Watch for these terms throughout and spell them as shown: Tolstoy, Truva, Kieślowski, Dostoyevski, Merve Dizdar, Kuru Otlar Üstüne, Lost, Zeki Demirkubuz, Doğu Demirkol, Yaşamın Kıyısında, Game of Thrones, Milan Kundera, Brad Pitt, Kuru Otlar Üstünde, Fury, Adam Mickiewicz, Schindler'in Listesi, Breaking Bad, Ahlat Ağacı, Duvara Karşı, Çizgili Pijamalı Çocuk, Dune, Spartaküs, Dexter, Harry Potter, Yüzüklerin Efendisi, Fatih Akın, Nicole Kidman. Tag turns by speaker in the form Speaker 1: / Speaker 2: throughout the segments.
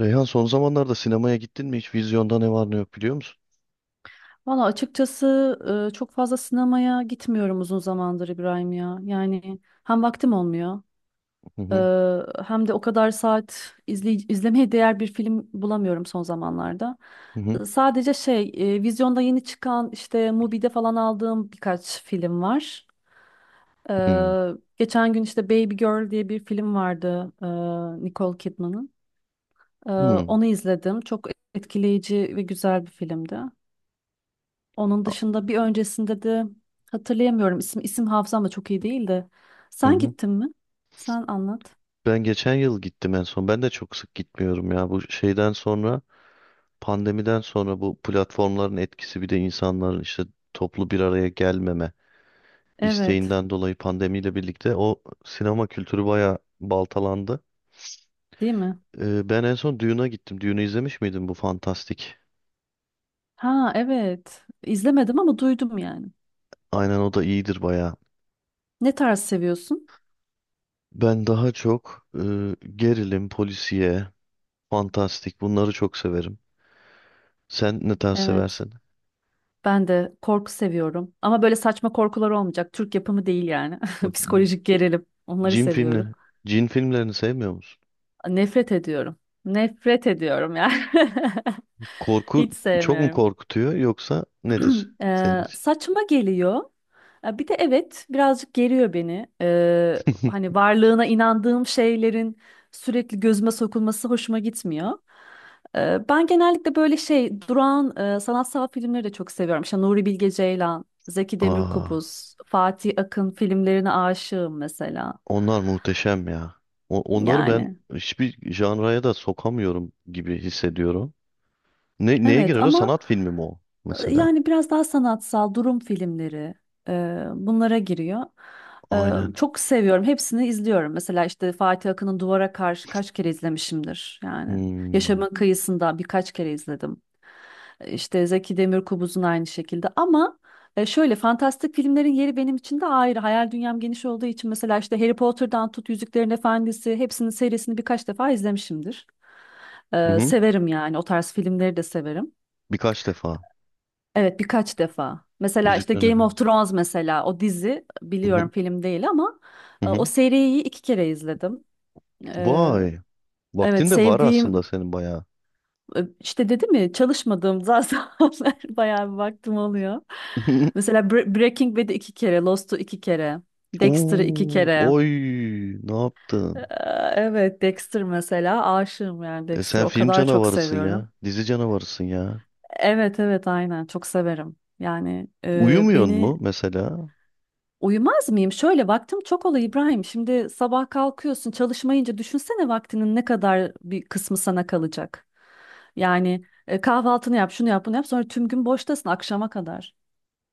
Speaker 1: Reyhan, son zamanlarda sinemaya gittin mi hiç? Vizyonda ne var ne yok biliyor musun?
Speaker 2: Valla açıkçası çok fazla sinemaya gitmiyorum uzun zamandır İbrahim ya. Yani hem vaktim olmuyor,
Speaker 1: Hı hı,
Speaker 2: e, hem de o kadar saat izlemeye değer bir film bulamıyorum son zamanlarda.
Speaker 1: hı hı,
Speaker 2: Sadece vizyonda yeni çıkan işte Mubi'de falan aldığım birkaç film var. E,
Speaker 1: hı
Speaker 2: Geçen gün işte Baby Girl diye bir film vardı, Nicole Kidman'ın. E,
Speaker 1: hı,
Speaker 2: Onu izledim. Çok etkileyici ve güzel bir filmdi. Onun
Speaker 1: a-
Speaker 2: dışında bir öncesinde de hatırlayamıyorum. İsim hafızam da çok iyi değil de.
Speaker 1: hı
Speaker 2: Sen
Speaker 1: hı.
Speaker 2: gittin mi? Sen anlat.
Speaker 1: Ben geçen yıl gittim en son. Ben de çok sık gitmiyorum ya. Bu pandemiden sonra bu platformların etkisi, bir de insanların işte toplu bir araya gelmeme
Speaker 2: Evet.
Speaker 1: isteğinden dolayı pandemiyle birlikte o sinema kültürü bayağı baltalandı.
Speaker 2: Değil mi?
Speaker 1: Ben en son Dune'a gittim. Dune'u izlemiş miydin, bu fantastik?
Speaker 2: Ha evet. İzlemedim ama duydum yani.
Speaker 1: Aynen, o da iyidir bayağı.
Speaker 2: Ne tarz seviyorsun?
Speaker 1: Ben daha çok gerilim, polisiye, fantastik. Bunları çok severim. Sen ne tarz
Speaker 2: Evet.
Speaker 1: seversin?
Speaker 2: Ben de korku seviyorum. Ama böyle saçma korkular olmayacak. Türk yapımı değil yani.
Speaker 1: O
Speaker 2: Psikolojik gerilim. Onları
Speaker 1: cin
Speaker 2: seviyorum.
Speaker 1: filmleri. Cin filmlerini sevmiyor musun?
Speaker 2: Nefret ediyorum. Nefret ediyorum yani.
Speaker 1: Korku
Speaker 2: Hiç
Speaker 1: çok mu
Speaker 2: sevmiyorum.
Speaker 1: korkutuyor, yoksa nedir senin için?
Speaker 2: Saçma geliyor. Ya bir de evet birazcık geriyor beni. Hani varlığına inandığım şeylerin sürekli gözüme sokulması hoşuma gitmiyor. Ben genellikle böyle şey durağan sanatsal filmleri de çok seviyorum. İşte Nuri Bilge Ceylan, Zeki
Speaker 1: Aa,
Speaker 2: Demirkubuz, Fatih Akın filmlerine aşığım mesela.
Speaker 1: onlar muhteşem ya. Onları ben
Speaker 2: Yani
Speaker 1: hiçbir janraya da sokamıyorum gibi hissediyorum. Neye
Speaker 2: evet
Speaker 1: girer o?
Speaker 2: ama.
Speaker 1: Sanat filmi mi o mesela?
Speaker 2: Yani biraz daha sanatsal durum filmleri bunlara giriyor.
Speaker 1: Aynen.
Speaker 2: Çok seviyorum. Hepsini izliyorum. Mesela işte Fatih Akın'ın Duvara Karşı kaç kere izlemişimdir yani.
Speaker 1: Hmm.
Speaker 2: Yaşamın Kıyısında birkaç kere izledim. İşte Zeki Demirkubuz'un aynı şekilde ama şöyle fantastik filmlerin yeri benim için de ayrı. Hayal dünyam geniş olduğu için mesela işte Harry Potter'dan tut Yüzüklerin Efendisi hepsinin serisini birkaç defa izlemişimdir.
Speaker 1: Hı-hı.
Speaker 2: Severim yani, o tarz filmleri de severim.
Speaker 1: Birkaç defa.
Speaker 2: Evet, birkaç defa. Mesela işte
Speaker 1: Yüzüklerin
Speaker 2: Game of
Speaker 1: Efendisi.
Speaker 2: Thrones, mesela o dizi biliyorum
Speaker 1: Hı-hı.
Speaker 2: film değil ama o
Speaker 1: Hı-hı.
Speaker 2: seriyi iki kere izledim. E,
Speaker 1: Vay. Vaktin
Speaker 2: evet
Speaker 1: de var aslında
Speaker 2: Sevdiğim,
Speaker 1: senin bayağı.
Speaker 2: işte dedim ya çalışmadığım zamanlar bayağı bir vaktim oluyor. Mesela Breaking Bad'i iki kere, Lost'u iki kere, Dexter'ı iki
Speaker 1: Oo,
Speaker 2: kere.
Speaker 1: oy, ne
Speaker 2: E,
Speaker 1: yaptın?
Speaker 2: evet, Dexter mesela, aşığım yani
Speaker 1: E sen
Speaker 2: Dexter'ı o
Speaker 1: film
Speaker 2: kadar çok
Speaker 1: canavarısın
Speaker 2: seviyorum.
Speaker 1: ya, dizi canavarısın ya.
Speaker 2: Evet, evet, aynen, çok severim. Yani
Speaker 1: Uyumuyorsun
Speaker 2: beni.
Speaker 1: mu mesela?
Speaker 2: Uyumaz mıyım? Şöyle, vaktim çok oluyor İbrahim. Şimdi sabah kalkıyorsun çalışmayınca, düşünsene vaktinin ne kadar bir kısmı sana kalacak. Yani kahvaltını yap, şunu yap, bunu yap. Sonra tüm gün boştasın akşama kadar.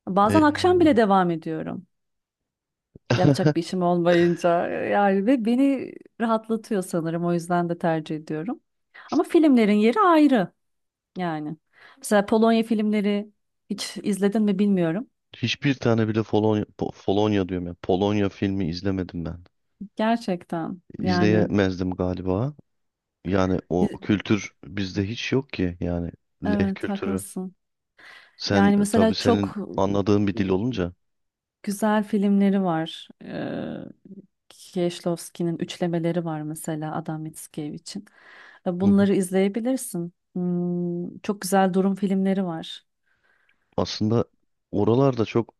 Speaker 2: Bazen
Speaker 1: E,
Speaker 2: akşam bile devam ediyorum. Yapacak bir işim olmayınca. Yani ve beni rahatlatıyor sanırım. O yüzden de tercih ediyorum. Ama filmlerin yeri ayrı yani. Mesela Polonya filmleri hiç izledin mi bilmiyorum.
Speaker 1: Hiçbir tane bile Polonya, Polonya diyorum ya. Polonya filmi izlemedim ben.
Speaker 2: Gerçekten yani.
Speaker 1: İzleyemezdim galiba. Yani o
Speaker 2: İz-
Speaker 1: kültür bizde hiç yok ki yani, leh
Speaker 2: Evet,
Speaker 1: kültürü.
Speaker 2: haklısın.
Speaker 1: Sen
Speaker 2: Yani
Speaker 1: tabii,
Speaker 2: mesela
Speaker 1: senin
Speaker 2: çok
Speaker 1: anladığın bir dil
Speaker 2: ıı,
Speaker 1: olunca.
Speaker 2: güzel filmleri var. Kieślowski'nin üçlemeleri var mesela, Adam Mickiewicz.
Speaker 1: Hı hı.
Speaker 2: Bunları izleyebilirsin. Çok güzel durum filmleri var.
Speaker 1: Aslında oralarda çok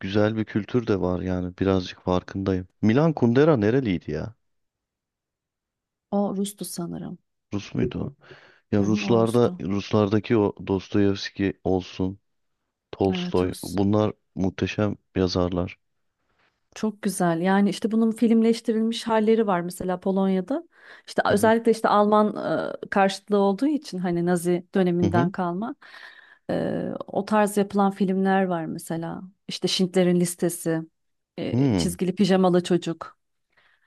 Speaker 1: güzel bir kültür de var yani, birazcık farkındayım. Milan Kundera nereliydi ya?
Speaker 2: O Rus'tu sanırım.
Speaker 1: Rus muydu o? Ya
Speaker 2: Hı hı, o
Speaker 1: Ruslarda,
Speaker 2: Rus'tu.
Speaker 1: Ruslardaki o Dostoyevski olsun,
Speaker 2: Evet,
Speaker 1: Tolstoy,
Speaker 2: Rus.
Speaker 1: bunlar muhteşem yazarlar.
Speaker 2: Çok güzel. Yani işte bunun filmleştirilmiş halleri var mesela Polonya'da. İşte
Speaker 1: Hı hı.
Speaker 2: özellikle işte Alman karşıtlığı olduğu için, hani Nazi
Speaker 1: Hı
Speaker 2: döneminden
Speaker 1: hı.
Speaker 2: kalma o tarz yapılan filmler var mesela. İşte Schindler'in Listesi,
Speaker 1: Hı
Speaker 2: Çizgili Pijamalı Çocuk.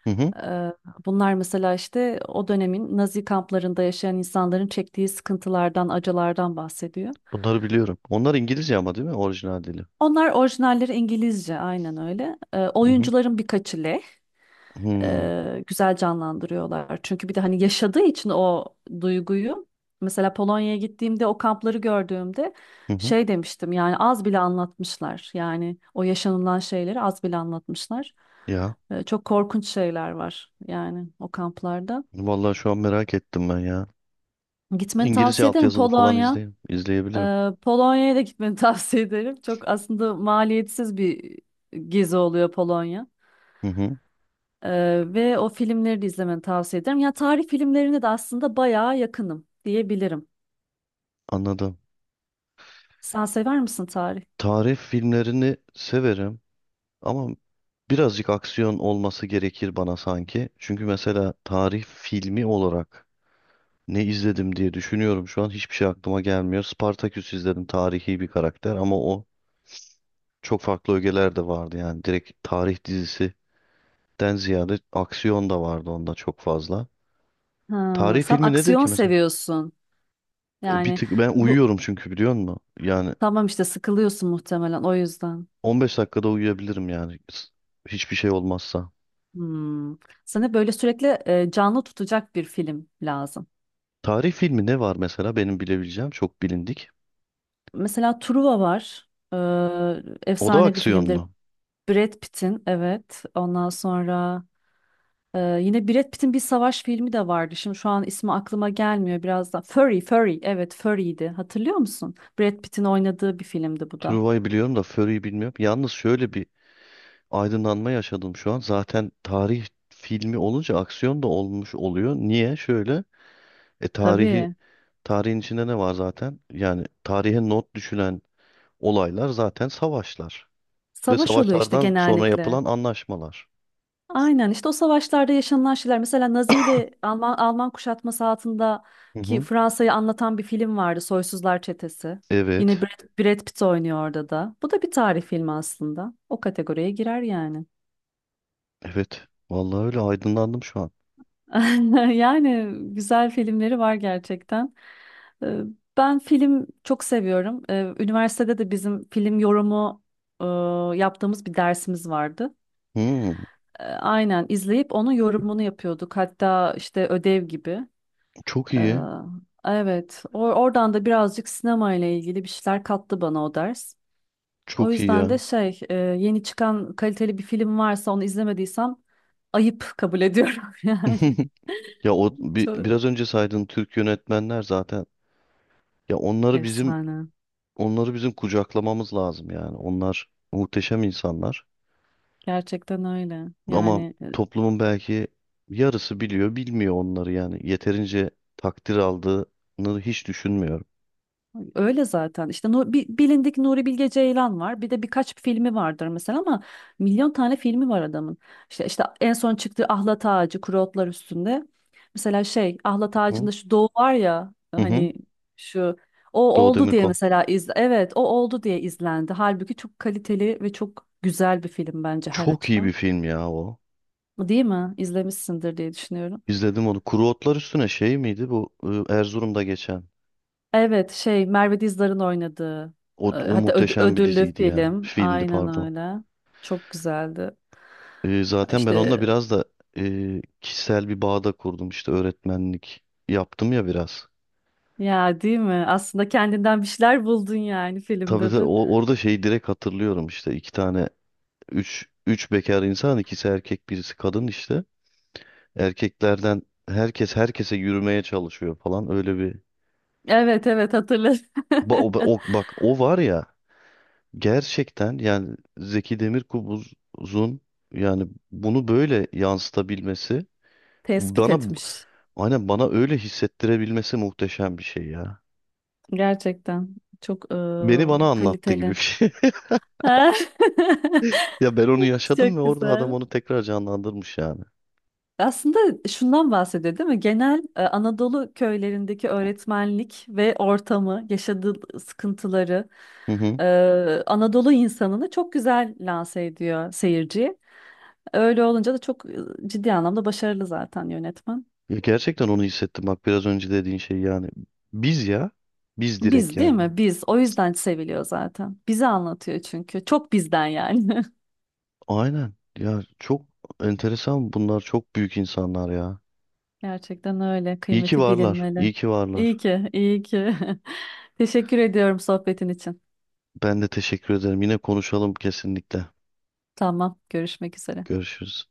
Speaker 1: hı. Hı.
Speaker 2: E, Bunlar mesela işte o dönemin Nazi kamplarında yaşayan insanların çektiği sıkıntılardan, acılardan bahsediyor.
Speaker 1: Bunları biliyorum. Onlar İngilizce ama, değil mi? Orijinal dili.
Speaker 2: Onlar orijinalleri İngilizce, aynen öyle.
Speaker 1: Hı hı.
Speaker 2: Oyuncuların birkaçı leh.
Speaker 1: Hı
Speaker 2: Güzel canlandırıyorlar. Çünkü bir de hani yaşadığı için o duyguyu, mesela Polonya'ya gittiğimde o kampları gördüğümde
Speaker 1: hı. Hı.
Speaker 2: şey demiştim, yani az bile anlatmışlar. Yani o yaşanılan şeyleri az bile anlatmışlar.
Speaker 1: Ya
Speaker 2: Çok korkunç şeyler var yani o kamplarda.
Speaker 1: vallahi şu an merak ettim ben ya.
Speaker 2: Gitmeni
Speaker 1: İngilizce
Speaker 2: tavsiye ederim
Speaker 1: altyazılı falan
Speaker 2: Polonya.
Speaker 1: izleyebilirim.
Speaker 2: Polonya'ya da gitmeni tavsiye ederim. Çok aslında maliyetsiz bir gezi oluyor Polonya.
Speaker 1: Hı hı.
Speaker 2: Ve o filmleri de izlemeni tavsiye ederim. Ya tarih filmlerine de aslında bayağı yakınım diyebilirim.
Speaker 1: Anladım.
Speaker 2: Sen sever misin tarih?
Speaker 1: Tarih filmlerini severim ama birazcık aksiyon olması gerekir bana sanki. Çünkü mesela tarih filmi olarak ne izledim diye düşünüyorum şu an. Hiçbir şey aklıma gelmiyor. Spartaküs izledim. Tarihi bir karakter, ama o çok farklı ögeler de vardı. Yani direkt tarih dizisinden ziyade aksiyon da vardı onda çok fazla.
Speaker 2: Ha,
Speaker 1: Tarih
Speaker 2: sen
Speaker 1: filmi nedir
Speaker 2: aksiyon
Speaker 1: ki mesela?
Speaker 2: seviyorsun.
Speaker 1: Bir
Speaker 2: Yani
Speaker 1: tık ben
Speaker 2: bu,
Speaker 1: uyuyorum çünkü, biliyor musun? Yani
Speaker 2: tamam işte sıkılıyorsun muhtemelen o yüzden.
Speaker 1: 15 dakikada uyuyabilirim yani. Hiçbir şey olmazsa.
Speaker 2: Hmm. Sana böyle sürekli canlı tutacak bir film lazım.
Speaker 1: Tarih filmi ne var mesela benim bilebileceğim, çok bilindik.
Speaker 2: Mesela Truva var.
Speaker 1: O da
Speaker 2: Efsane bir filmdir.
Speaker 1: aksiyonlu.
Speaker 2: Brad Pitt'in, evet. Ondan sonra yine Brad Pitt'in bir savaş filmi de vardı. Şimdi şu an ismi aklıma gelmiyor biraz da. Fury. Evet, Fury'ydi. Hatırlıyor musun? Brad Pitt'in oynadığı bir filmdi bu da.
Speaker 1: Truva'yı biliyorum da Fury'yi bilmiyorum. Yalnız şöyle bir aydınlanma yaşadım şu an. Zaten tarih filmi olunca aksiyon da olmuş oluyor. Niye? Şöyle, e tarihi
Speaker 2: Tabii.
Speaker 1: tarihin içinde ne var zaten? Yani tarihe not düşülen olaylar zaten savaşlar ve
Speaker 2: Savaş oluyor işte
Speaker 1: savaşlardan sonra
Speaker 2: genellikle.
Speaker 1: yapılan anlaşmalar.
Speaker 2: Aynen, işte o savaşlarda yaşanılan şeyler. Mesela Nazi ile Alman kuşatması
Speaker 1: Hı
Speaker 2: altındaki
Speaker 1: hı.
Speaker 2: Fransa'yı anlatan bir film vardı. Soysuzlar Çetesi. Yine
Speaker 1: Evet.
Speaker 2: Brad Pitt oynuyor orada da. Bu da bir tarih filmi aslında. O kategoriye girer yani.
Speaker 1: Evet. Vallahi öyle aydınlandım şu an.
Speaker 2: Yani güzel filmleri var gerçekten. Ee, Ben film çok seviyorum. Üniversitede de bizim film yorumu yaptığımız bir dersimiz vardı.
Speaker 1: Hmm,
Speaker 2: Aynen izleyip onun yorumunu yapıyorduk. Hatta işte ödev gibi.
Speaker 1: çok
Speaker 2: Ee,
Speaker 1: iyi.
Speaker 2: Evet, oradan da birazcık sinema ile ilgili bir şeyler kattı bana o ders. O
Speaker 1: Çok iyi
Speaker 2: yüzden de
Speaker 1: ya.
Speaker 2: şey, yeni çıkan kaliteli bir film varsa onu izlemediysem ayıp kabul ediyorum yani.
Speaker 1: Ya o
Speaker 2: Çok
Speaker 1: biraz önce saydığın Türk yönetmenler zaten, ya onları bizim
Speaker 2: efsane.
Speaker 1: onları bizim kucaklamamız lazım yani. Onlar muhteşem insanlar.
Speaker 2: Gerçekten öyle.
Speaker 1: Ama
Speaker 2: Yani
Speaker 1: toplumun belki yarısı biliyor, bilmiyor onları yani. Yeterince takdir aldığını hiç düşünmüyorum.
Speaker 2: öyle zaten. İşte bilindik Nuri Bilge Ceylan var. Bir de birkaç filmi vardır mesela ama milyon tane filmi var adamın. İşte en son çıktığı Ahlat Ağacı, Kuru Otlar Üstünde. Mesela şey Ahlat
Speaker 1: Hı
Speaker 2: Ağacı'nda şu Doğu var ya,
Speaker 1: hı. Hı.
Speaker 2: hani şu, o
Speaker 1: Doğu
Speaker 2: oldu diye
Speaker 1: Demirkol.
Speaker 2: mesela iz, evet o oldu diye izlendi. Halbuki çok kaliteli ve çok güzel bir film bence her
Speaker 1: Çok iyi
Speaker 2: açıdan.
Speaker 1: bir film ya o.
Speaker 2: Değil mi? İzlemişsindir diye düşünüyorum.
Speaker 1: İzledim onu. Kuru Otlar Üstüne şey miydi bu? Erzurum'da geçen.
Speaker 2: Evet, şey Merve Dizdar'ın oynadığı,
Speaker 1: O, o
Speaker 2: hatta
Speaker 1: muhteşem bir
Speaker 2: ödüllü
Speaker 1: diziydi ya.
Speaker 2: film.
Speaker 1: Filmdi
Speaker 2: Aynen
Speaker 1: pardon.
Speaker 2: öyle. Çok güzeldi.
Speaker 1: Zaten ben onunla
Speaker 2: İşte
Speaker 1: biraz da kişisel bir bağda kurdum. İşte öğretmenlik yaptım ya biraz.
Speaker 2: ya, değil mi? Aslında kendinden bir şeyler buldun yani
Speaker 1: Tabii
Speaker 2: filmde
Speaker 1: tabii,
Speaker 2: de.
Speaker 1: orada şeyi direkt hatırlıyorum, işte iki tane üç bekar insan, ikisi erkek birisi kadın işte. Erkeklerden herkes herkese yürümeye çalışıyor falan, öyle bir.
Speaker 2: Evet, evet, hatırladım.
Speaker 1: Bak o var ya, gerçekten yani, Zeki Demirkubuz'un yani bunu böyle yansıtabilmesi,
Speaker 2: Tespit
Speaker 1: bana
Speaker 2: etmiş.
Speaker 1: aynen bana öyle hissettirebilmesi muhteşem bir şey ya.
Speaker 2: Gerçekten çok
Speaker 1: Beni bana anlattı gibi bir
Speaker 2: kaliteli.
Speaker 1: şey. Ya ben onu yaşadım ve
Speaker 2: Çok
Speaker 1: orada adam
Speaker 2: güzel.
Speaker 1: onu tekrar canlandırmış yani.
Speaker 2: Aslında şundan bahsediyor değil mi? Genel Anadolu köylerindeki öğretmenlik ve ortamı, yaşadığı sıkıntıları,
Speaker 1: Hı hı.
Speaker 2: e, Anadolu insanını çok güzel lanse ediyor seyirciye. Öyle olunca da çok ciddi anlamda başarılı zaten yönetmen.
Speaker 1: Ya gerçekten onu hissettim, bak biraz önce dediğin şey yani. Biz ya. Biz direkt
Speaker 2: Biz, değil
Speaker 1: yani.
Speaker 2: mi? Biz. O yüzden seviliyor zaten. Bizi anlatıyor çünkü. Çok bizden yani.
Speaker 1: Aynen. Ya çok enteresan, bunlar çok büyük insanlar ya.
Speaker 2: Gerçekten öyle.
Speaker 1: İyi ki
Speaker 2: Kıymeti
Speaker 1: varlar.
Speaker 2: bilinmeli.
Speaker 1: İyi ki
Speaker 2: İyi
Speaker 1: varlar.
Speaker 2: ki, iyi ki. Teşekkür ediyorum sohbetin için.
Speaker 1: Ben de teşekkür ederim. Yine konuşalım kesinlikle.
Speaker 2: Tamam, görüşmek üzere.
Speaker 1: Görüşürüz.